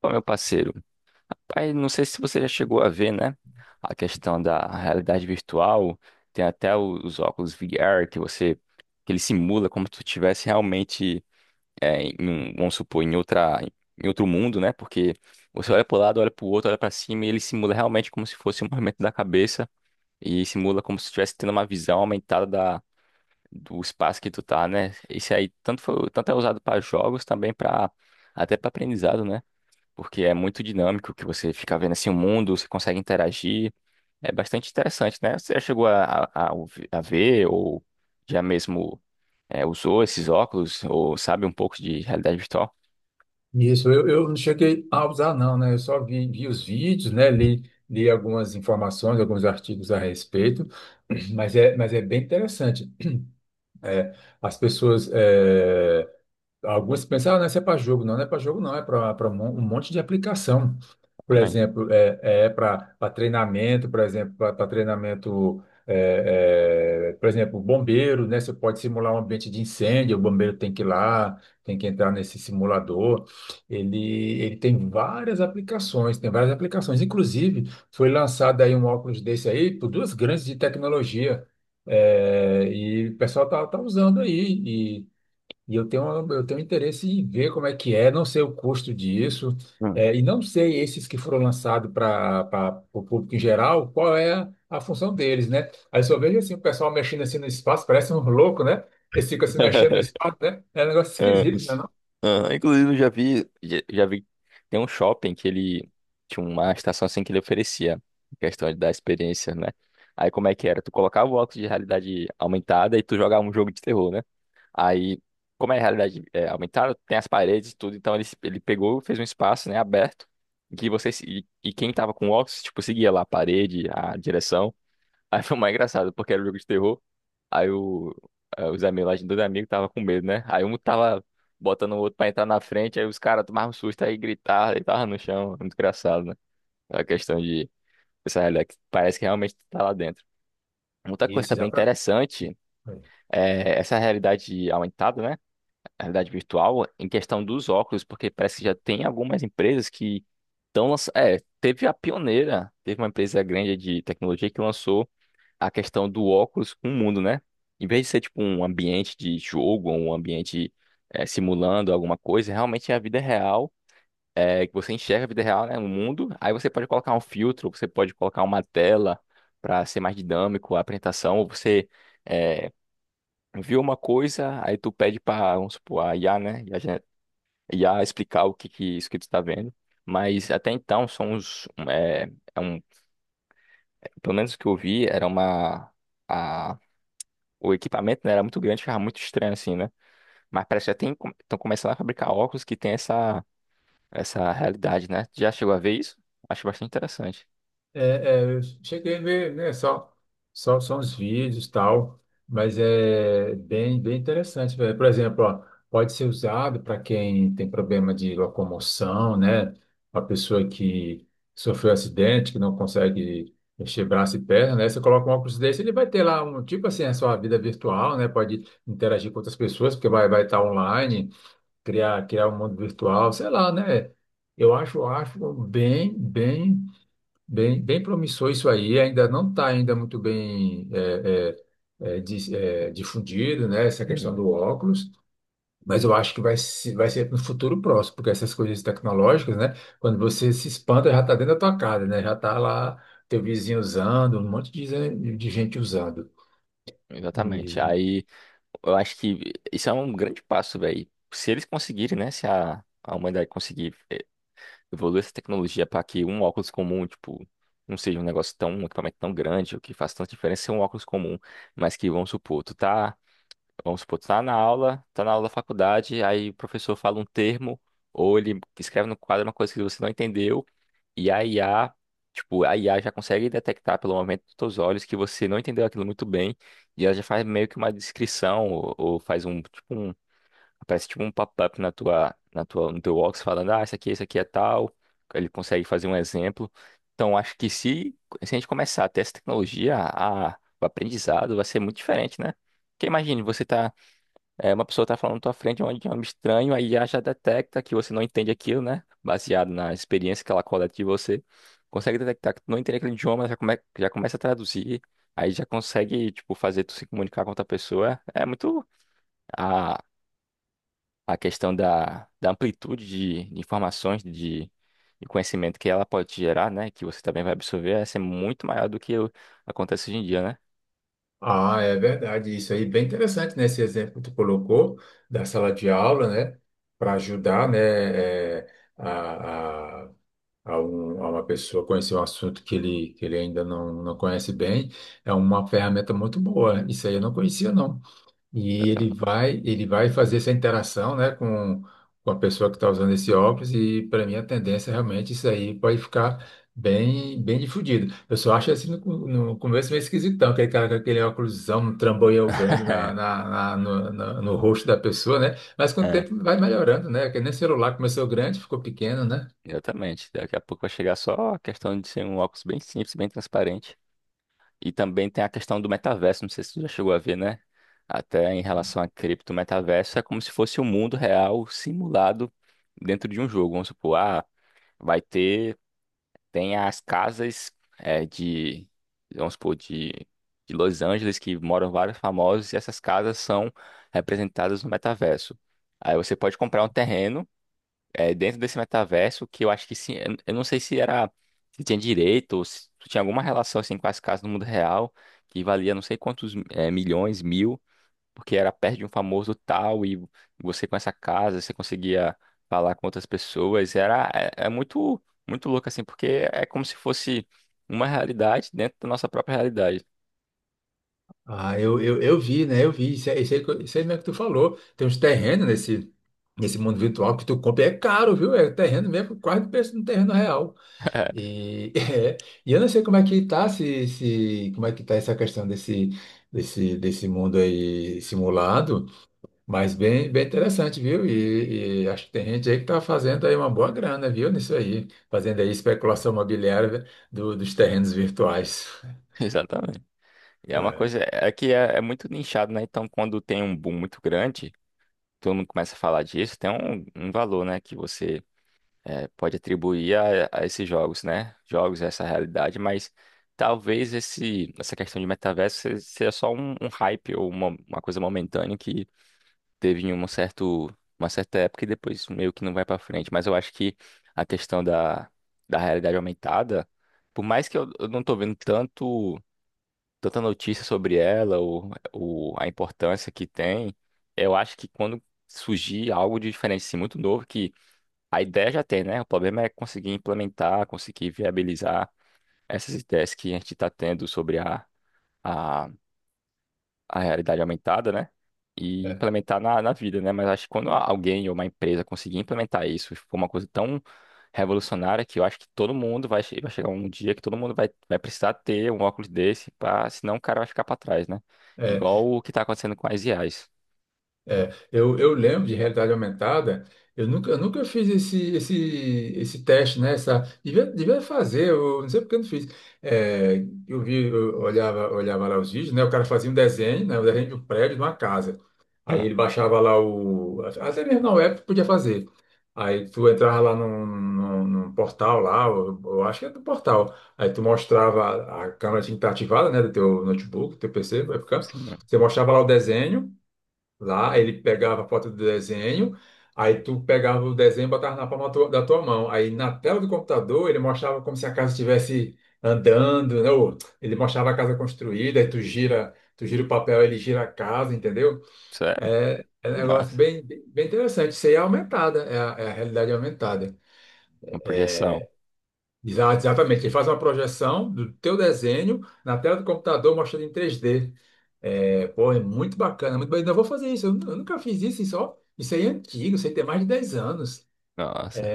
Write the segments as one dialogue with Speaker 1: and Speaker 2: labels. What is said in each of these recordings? Speaker 1: Bom, meu parceiro, aí não sei se você já chegou a ver, né? A questão da realidade virtual, tem até os óculos VR que você, que ele simula como se tu estivesse realmente, vamos supor, em outro mundo, né? Porque você olha para o lado, olha para o outro, olha para cima e ele simula realmente como se fosse um movimento da cabeça e simula como se estivesse tendo uma visão aumentada da, do espaço que tu tá, né? Isso aí tanto, tanto é usado para jogos também para até para aprendizado, né? Porque é muito dinâmico que você fica vendo assim o mundo, você consegue interagir. É bastante interessante, né? Você já chegou a, a ver ou já mesmo usou esses óculos ou sabe um pouco de realidade virtual?
Speaker 2: Isso, eu não cheguei a usar, não, né? Eu só vi os vídeos, né? Li algumas informações, alguns artigos a respeito, mas é bem interessante. As pessoas alguns pensam, ah, não, isso é para jogo. Não, não é para jogo, não. É para um monte de aplicação. Por
Speaker 1: Também.
Speaker 2: exemplo, é para treinamento, por exemplo, para treinamento, por exemplo, bombeiro, né? Você pode simular um ambiente de incêndio, o bombeiro tem que ir lá, tem que entrar nesse simulador. Ele tem várias aplicações, tem várias aplicações. Inclusive, foi lançado aí um óculos desse aí por duas grandes de tecnologia. É, e o pessoal tá usando aí e eu tenho interesse em ver como é que é, não sei o custo disso,
Speaker 1: Hum.
Speaker 2: é, e não sei esses que foram lançados para o público em geral, qual é a função deles, né? Aí só vejo assim, o pessoal mexendo assim no espaço, parece um louco, né? Eles ficam se mexendo no espaço, né? É um negócio
Speaker 1: É,
Speaker 2: esquisito, né? Não?
Speaker 1: é, inclusive, eu já vi, tem um shopping que ele tinha uma estação assim que ele oferecia, questão da experiência, né? Aí como é que era? Tu colocava o óculos de realidade aumentada e tu jogava um jogo de terror, né? Aí, como é realidade aumentada, tem as paredes e tudo, então ele pegou, fez um espaço, né, aberto, em que você, e, quem tava com óculos, tipo, seguia lá a parede, a direção. Aí foi mais engraçado, porque era um jogo de terror. Aí o, os amigos lá, de dois amigos, tava com medo, né? Aí um tava botando o outro pra entrar na frente, aí os caras tomavam um susto, aí gritavam, e tava no chão. Muito engraçado, né? A questão de essa realidade que parece que realmente tá lá dentro. Outra coisa
Speaker 2: Esse já
Speaker 1: também
Speaker 2: para.
Speaker 1: interessante é essa realidade aumentada, né? A realidade virtual em questão dos óculos, porque parece que já tem algumas empresas que estão lançando. É, teve a pioneira, teve uma empresa grande de tecnologia que lançou a questão do óculos com o mundo, né? Em vez de ser tipo um ambiente de jogo, um ambiente simulando alguma coisa, realmente é a vida real. É, que você enxerga a vida real, né, no mundo, aí você pode colocar um filtro, você pode colocar uma tela para ser mais dinâmico a apresentação, ou você é, viu uma coisa, aí tu pede para, vamos supor, a IA, né? IA explicar o que, que isso que tu está vendo. Mas até então são os um, é, é um, pelo menos o que eu vi era a, o equipamento né, era muito grande, ficava muito estranho assim, né? Mas parece que já tem estão começando a fabricar óculos que tem essa realidade, né? Tu já chegou a ver isso? Acho bastante interessante.
Speaker 2: É, eu cheguei a ver, né, só uns vídeos e tal, mas é bem interessante, velho. Por exemplo, ó, pode ser usado para quem tem problema de locomoção, né? A pessoa que sofreu acidente, que não consegue mexer braço e perna, né? Você coloca um óculos desse, ele vai ter lá um, tipo assim, a sua vida virtual, né? Pode interagir com outras pessoas, porque vai estar online, criar um mundo virtual, sei lá, né? Eu acho bem, bem bem promissor isso aí, ainda não está ainda muito bem difundido, né, essa questão
Speaker 1: Uhum.
Speaker 2: do óculos, mas eu acho que vai ser no futuro próximo, porque essas coisas tecnológicas, né, quando você se espanta, já está dentro da tua casa, né, já está lá teu vizinho usando, um monte de, de gente usando.
Speaker 1: Exatamente.
Speaker 2: E-
Speaker 1: Aí eu acho que isso é um grande passo, velho. Se eles conseguirem, né? Se a humanidade conseguir evoluir essa tecnologia para que um óculos comum, tipo, não seja um negócio tão, um equipamento tão grande, o que faz tanta diferença ser um óculos comum, mas que, vamos supor, tu tá, vamos supor, tu tá na aula da faculdade, aí o professor fala um termo, ou ele escreve no quadro uma coisa que você não entendeu, e a IA, tipo, a IA já consegue detectar pelo momento dos teus olhos que você não entendeu aquilo muito bem, e ela já faz meio que uma descrição, ou faz um, tipo, aparece tipo um pop-up no teu Box falando, ah, isso aqui é tal. Ele consegue fazer um exemplo. Então, acho que se a gente começar a ter essa tecnologia, a, o aprendizado vai ser muito diferente, né? Porque imagine, você tá, uma pessoa tá falando na tua frente onde é um estranho, aí já detecta que você não entende aquilo, né? Baseado na experiência que ela coleta de você. Consegue detectar que tu não entende aquele idioma, já começa a traduzir. Aí já consegue, tipo, fazer tu se comunicar com outra pessoa. É muito. A, a questão da amplitude de informações, de conhecimento que ela pode te gerar, né? Que você também vai absorver, essa é ser muito maior do que acontece hoje em dia, né?
Speaker 2: Ah, é verdade, isso aí, bem interessante, né, esse exemplo que tu colocou da sala de aula, né, para ajudar, né, é, a, a- a uma pessoa conhecer um assunto que que ele ainda não conhece bem, é uma ferramenta muito boa. Isso aí eu não conhecia, não. E
Speaker 1: Exatamente.
Speaker 2: ele vai fazer essa interação, né, com a pessoa que está usando esse óculos, e para mim a tendência é realmente isso aí pode ficar bem difundido. Eu só acho assim no começo meio esquisitão, aquele cara com aquele óculosão, um trambolhão grande na, na, na- no, na- no rosto da pessoa, né? Mas com o
Speaker 1: É,
Speaker 2: tempo vai melhorando, né? Porque nem celular começou grande, ficou pequeno, né?
Speaker 1: exatamente. Daqui a pouco vai chegar só a questão de ser um óculos bem simples, bem transparente. E também tem a questão do metaverso, não sei se tu já chegou a ver, né? Até em relação a cripto, o metaverso é como se fosse o mundo real simulado dentro de um jogo. Vamos supor, ah, vai ter tem as casas de, vamos supor, de Los Angeles, que moram vários famosos, e essas casas são representadas no metaverso. Aí você pode comprar um terreno dentro desse metaverso, que eu acho que sim, eu não sei se era, se tinha direito, ou se tinha alguma relação assim, com as casas no mundo real, que valia não sei quantos milhões, mil, porque era perto de um famoso tal e você com essa casa, você conseguia falar com outras pessoas, era muito muito louco assim, porque é como se fosse uma realidade dentro da nossa própria realidade.
Speaker 2: Ah, eu vi, né? Eu vi. Isso aí, isso aí mesmo que tu falou. Tem uns terrenos nesse mundo virtual que tu compra. É caro, viu? É terreno mesmo, quase o preço de um terreno real. E, é, e eu não sei como é que tá, se, como é que tá essa questão desse mundo aí simulado, mas bem interessante, viu? E acho que tem gente aí que tá fazendo aí uma boa grana, viu? Nisso aí. Fazendo aí especulação imobiliária dos terrenos virtuais.
Speaker 1: Exatamente. E é uma coisa que é muito nichado, né? Então, quando tem um boom muito grande, todo mundo começa a falar disso, tem um valor, né, que você pode atribuir a esses jogos, né? Jogos, essa realidade, mas talvez essa questão de metaverso seja só um hype ou uma coisa momentânea que teve em uma certa época e depois meio que não vai pra frente. Mas eu acho que a questão da, da realidade aumentada, por mais que eu não tô vendo tanto, tanta notícia sobre ela ou a importância que tem, eu acho que quando surgir algo de diferente, assim, muito novo, que a ideia já tem, né? O problema é conseguir implementar, conseguir viabilizar essas ideias que a gente está tendo sobre a, a realidade aumentada, né? E
Speaker 2: É,
Speaker 1: implementar na vida, né? Mas acho que quando alguém ou uma empresa conseguir implementar isso, for uma coisa tão revolucionária que eu acho que todo mundo vai chegar um dia que todo mundo vai precisar ter um óculos desse, senão o cara vai ficar para trás, né?
Speaker 2: é.
Speaker 1: Igual o que está acontecendo com as IAs.
Speaker 2: É, eu lembro de realidade aumentada, eu nunca fiz esse teste, né? Essa, devia fazer, eu não sei porque eu não fiz. É, eu vi, eu olhava lá os vídeos, né? O cara fazia um desenho, né? O desenho de um prédio, de uma casa. Aí
Speaker 1: Hum,
Speaker 2: ele baixava lá o. Até mesmo na web tu podia fazer. Aí tu entrava lá num portal lá, eu acho que é do portal. Aí tu mostrava, a câmera tinha que estar ativada, né? Do teu notebook, do teu PC, vai ficar.
Speaker 1: sim.
Speaker 2: Você mostrava lá o desenho. Lá ele pegava a foto do desenho, aí tu pegava o desenho e botava na da tua mão. Aí na tela do computador ele mostrava como se a casa estivesse andando, né? Ou ele mostrava a casa construída, aí tu gira o papel, ele gira a casa, entendeu?
Speaker 1: Sério?
Speaker 2: É, é um
Speaker 1: Que
Speaker 2: negócio
Speaker 1: massa.
Speaker 2: bem bem interessante. Isso aí é aumentada, é é a realidade aumentada.
Speaker 1: Uma projeção.
Speaker 2: Exatamente, ele faz uma projeção do teu desenho na tela do computador mostrando em 3D. É, pô, é muito bacana, muito bacana. Eu vou fazer isso, eu nunca fiz isso, isso, ó, isso aí é antigo, isso aí tem mais de 10 anos.
Speaker 1: Nossa.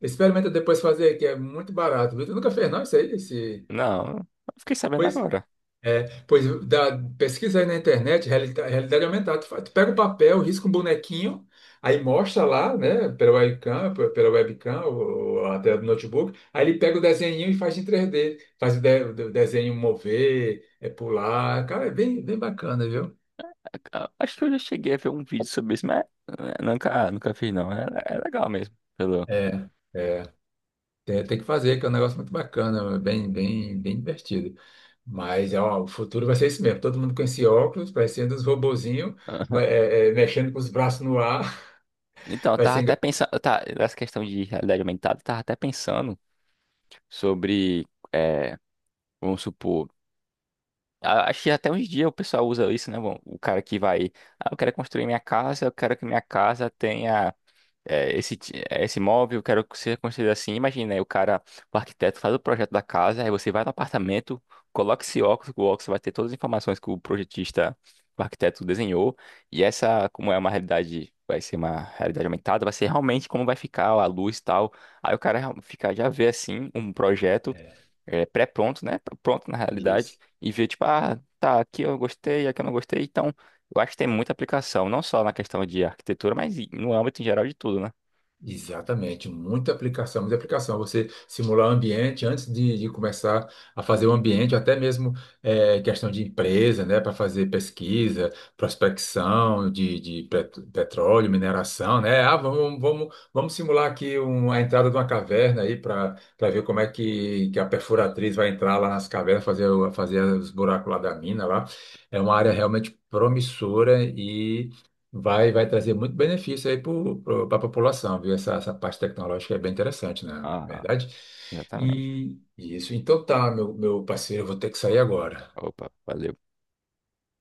Speaker 2: Experimenta depois fazer, que é muito barato. Viu? Tu nunca fez, não, isso aí? Esse...
Speaker 1: Não, eu fiquei sabendo
Speaker 2: Pois
Speaker 1: agora.
Speaker 2: é, pois dá, pesquisa aí na internet, realidade aumentada. Tu pega o papel, risca um bonequinho, aí mostra lá, né, pela webcam, pela webcam ou a tela do notebook, aí ele pega o desenho e faz em 3D, faz o desenho mover, é pular, cara, é bem bacana, viu?
Speaker 1: Ah, acho que eu já cheguei a ver um vídeo sobre isso, mas nunca, nunca fiz, não. É, é legal mesmo. Pelo.
Speaker 2: É, é. Tem que fazer, que é um negócio muito bacana, bem divertido. Mas ó, o futuro vai ser isso mesmo. Todo mundo com esse óculos, parecendo uns robozinhos, mexendo com os braços no ar.
Speaker 1: Então, eu
Speaker 2: Vai
Speaker 1: tava
Speaker 2: ser
Speaker 1: até pensando. Tá, essa questão de realidade aumentada, eu tava até pensando sobre. eh, Vamos supor. Acho que até uns dias o pessoal usa isso, né? Bom, o cara que vai. Ah, eu quero construir minha casa, eu quero que minha casa tenha. Esse imóvel, eu quero que você construído assim. Imagina, aí o cara, o arquiteto faz o projeto da casa, aí você vai no apartamento, coloca esse óculos, o óculos vai ter todas as informações que o projetista, o arquiteto desenhou, e essa, como é uma realidade, vai ser uma realidade aumentada, vai ser realmente como vai ficar a luz e tal. Aí o cara fica, já vê assim, um projeto
Speaker 2: é,
Speaker 1: pré-pronto, né? Pronto na realidade,
Speaker 2: isso.
Speaker 1: e vê tipo, ah, tá, aqui eu gostei, aqui eu não gostei, então. Eu acho que tem muita aplicação, não só na questão de arquitetura, mas no âmbito em geral de tudo, né?
Speaker 2: Exatamente, muita aplicação, muita aplicação. Você simular o ambiente antes de começar a fazer o ambiente, até mesmo questão de empresa, né, para fazer pesquisa, prospecção de, petróleo, mineração, né? Ah, vamos simular aqui a entrada de uma caverna aí para para ver como é que a perfuratriz vai entrar lá nas cavernas, fazer, fazer os buracos lá da mina lá. É uma área realmente promissora. Vai trazer muito benefício aí para a população, viu? Essa parte tecnológica é bem interessante, né? Na
Speaker 1: Ah,
Speaker 2: verdade.
Speaker 1: exatamente.
Speaker 2: E isso, então tá, meu parceiro, eu vou ter que sair agora.
Speaker 1: Opa, valeu.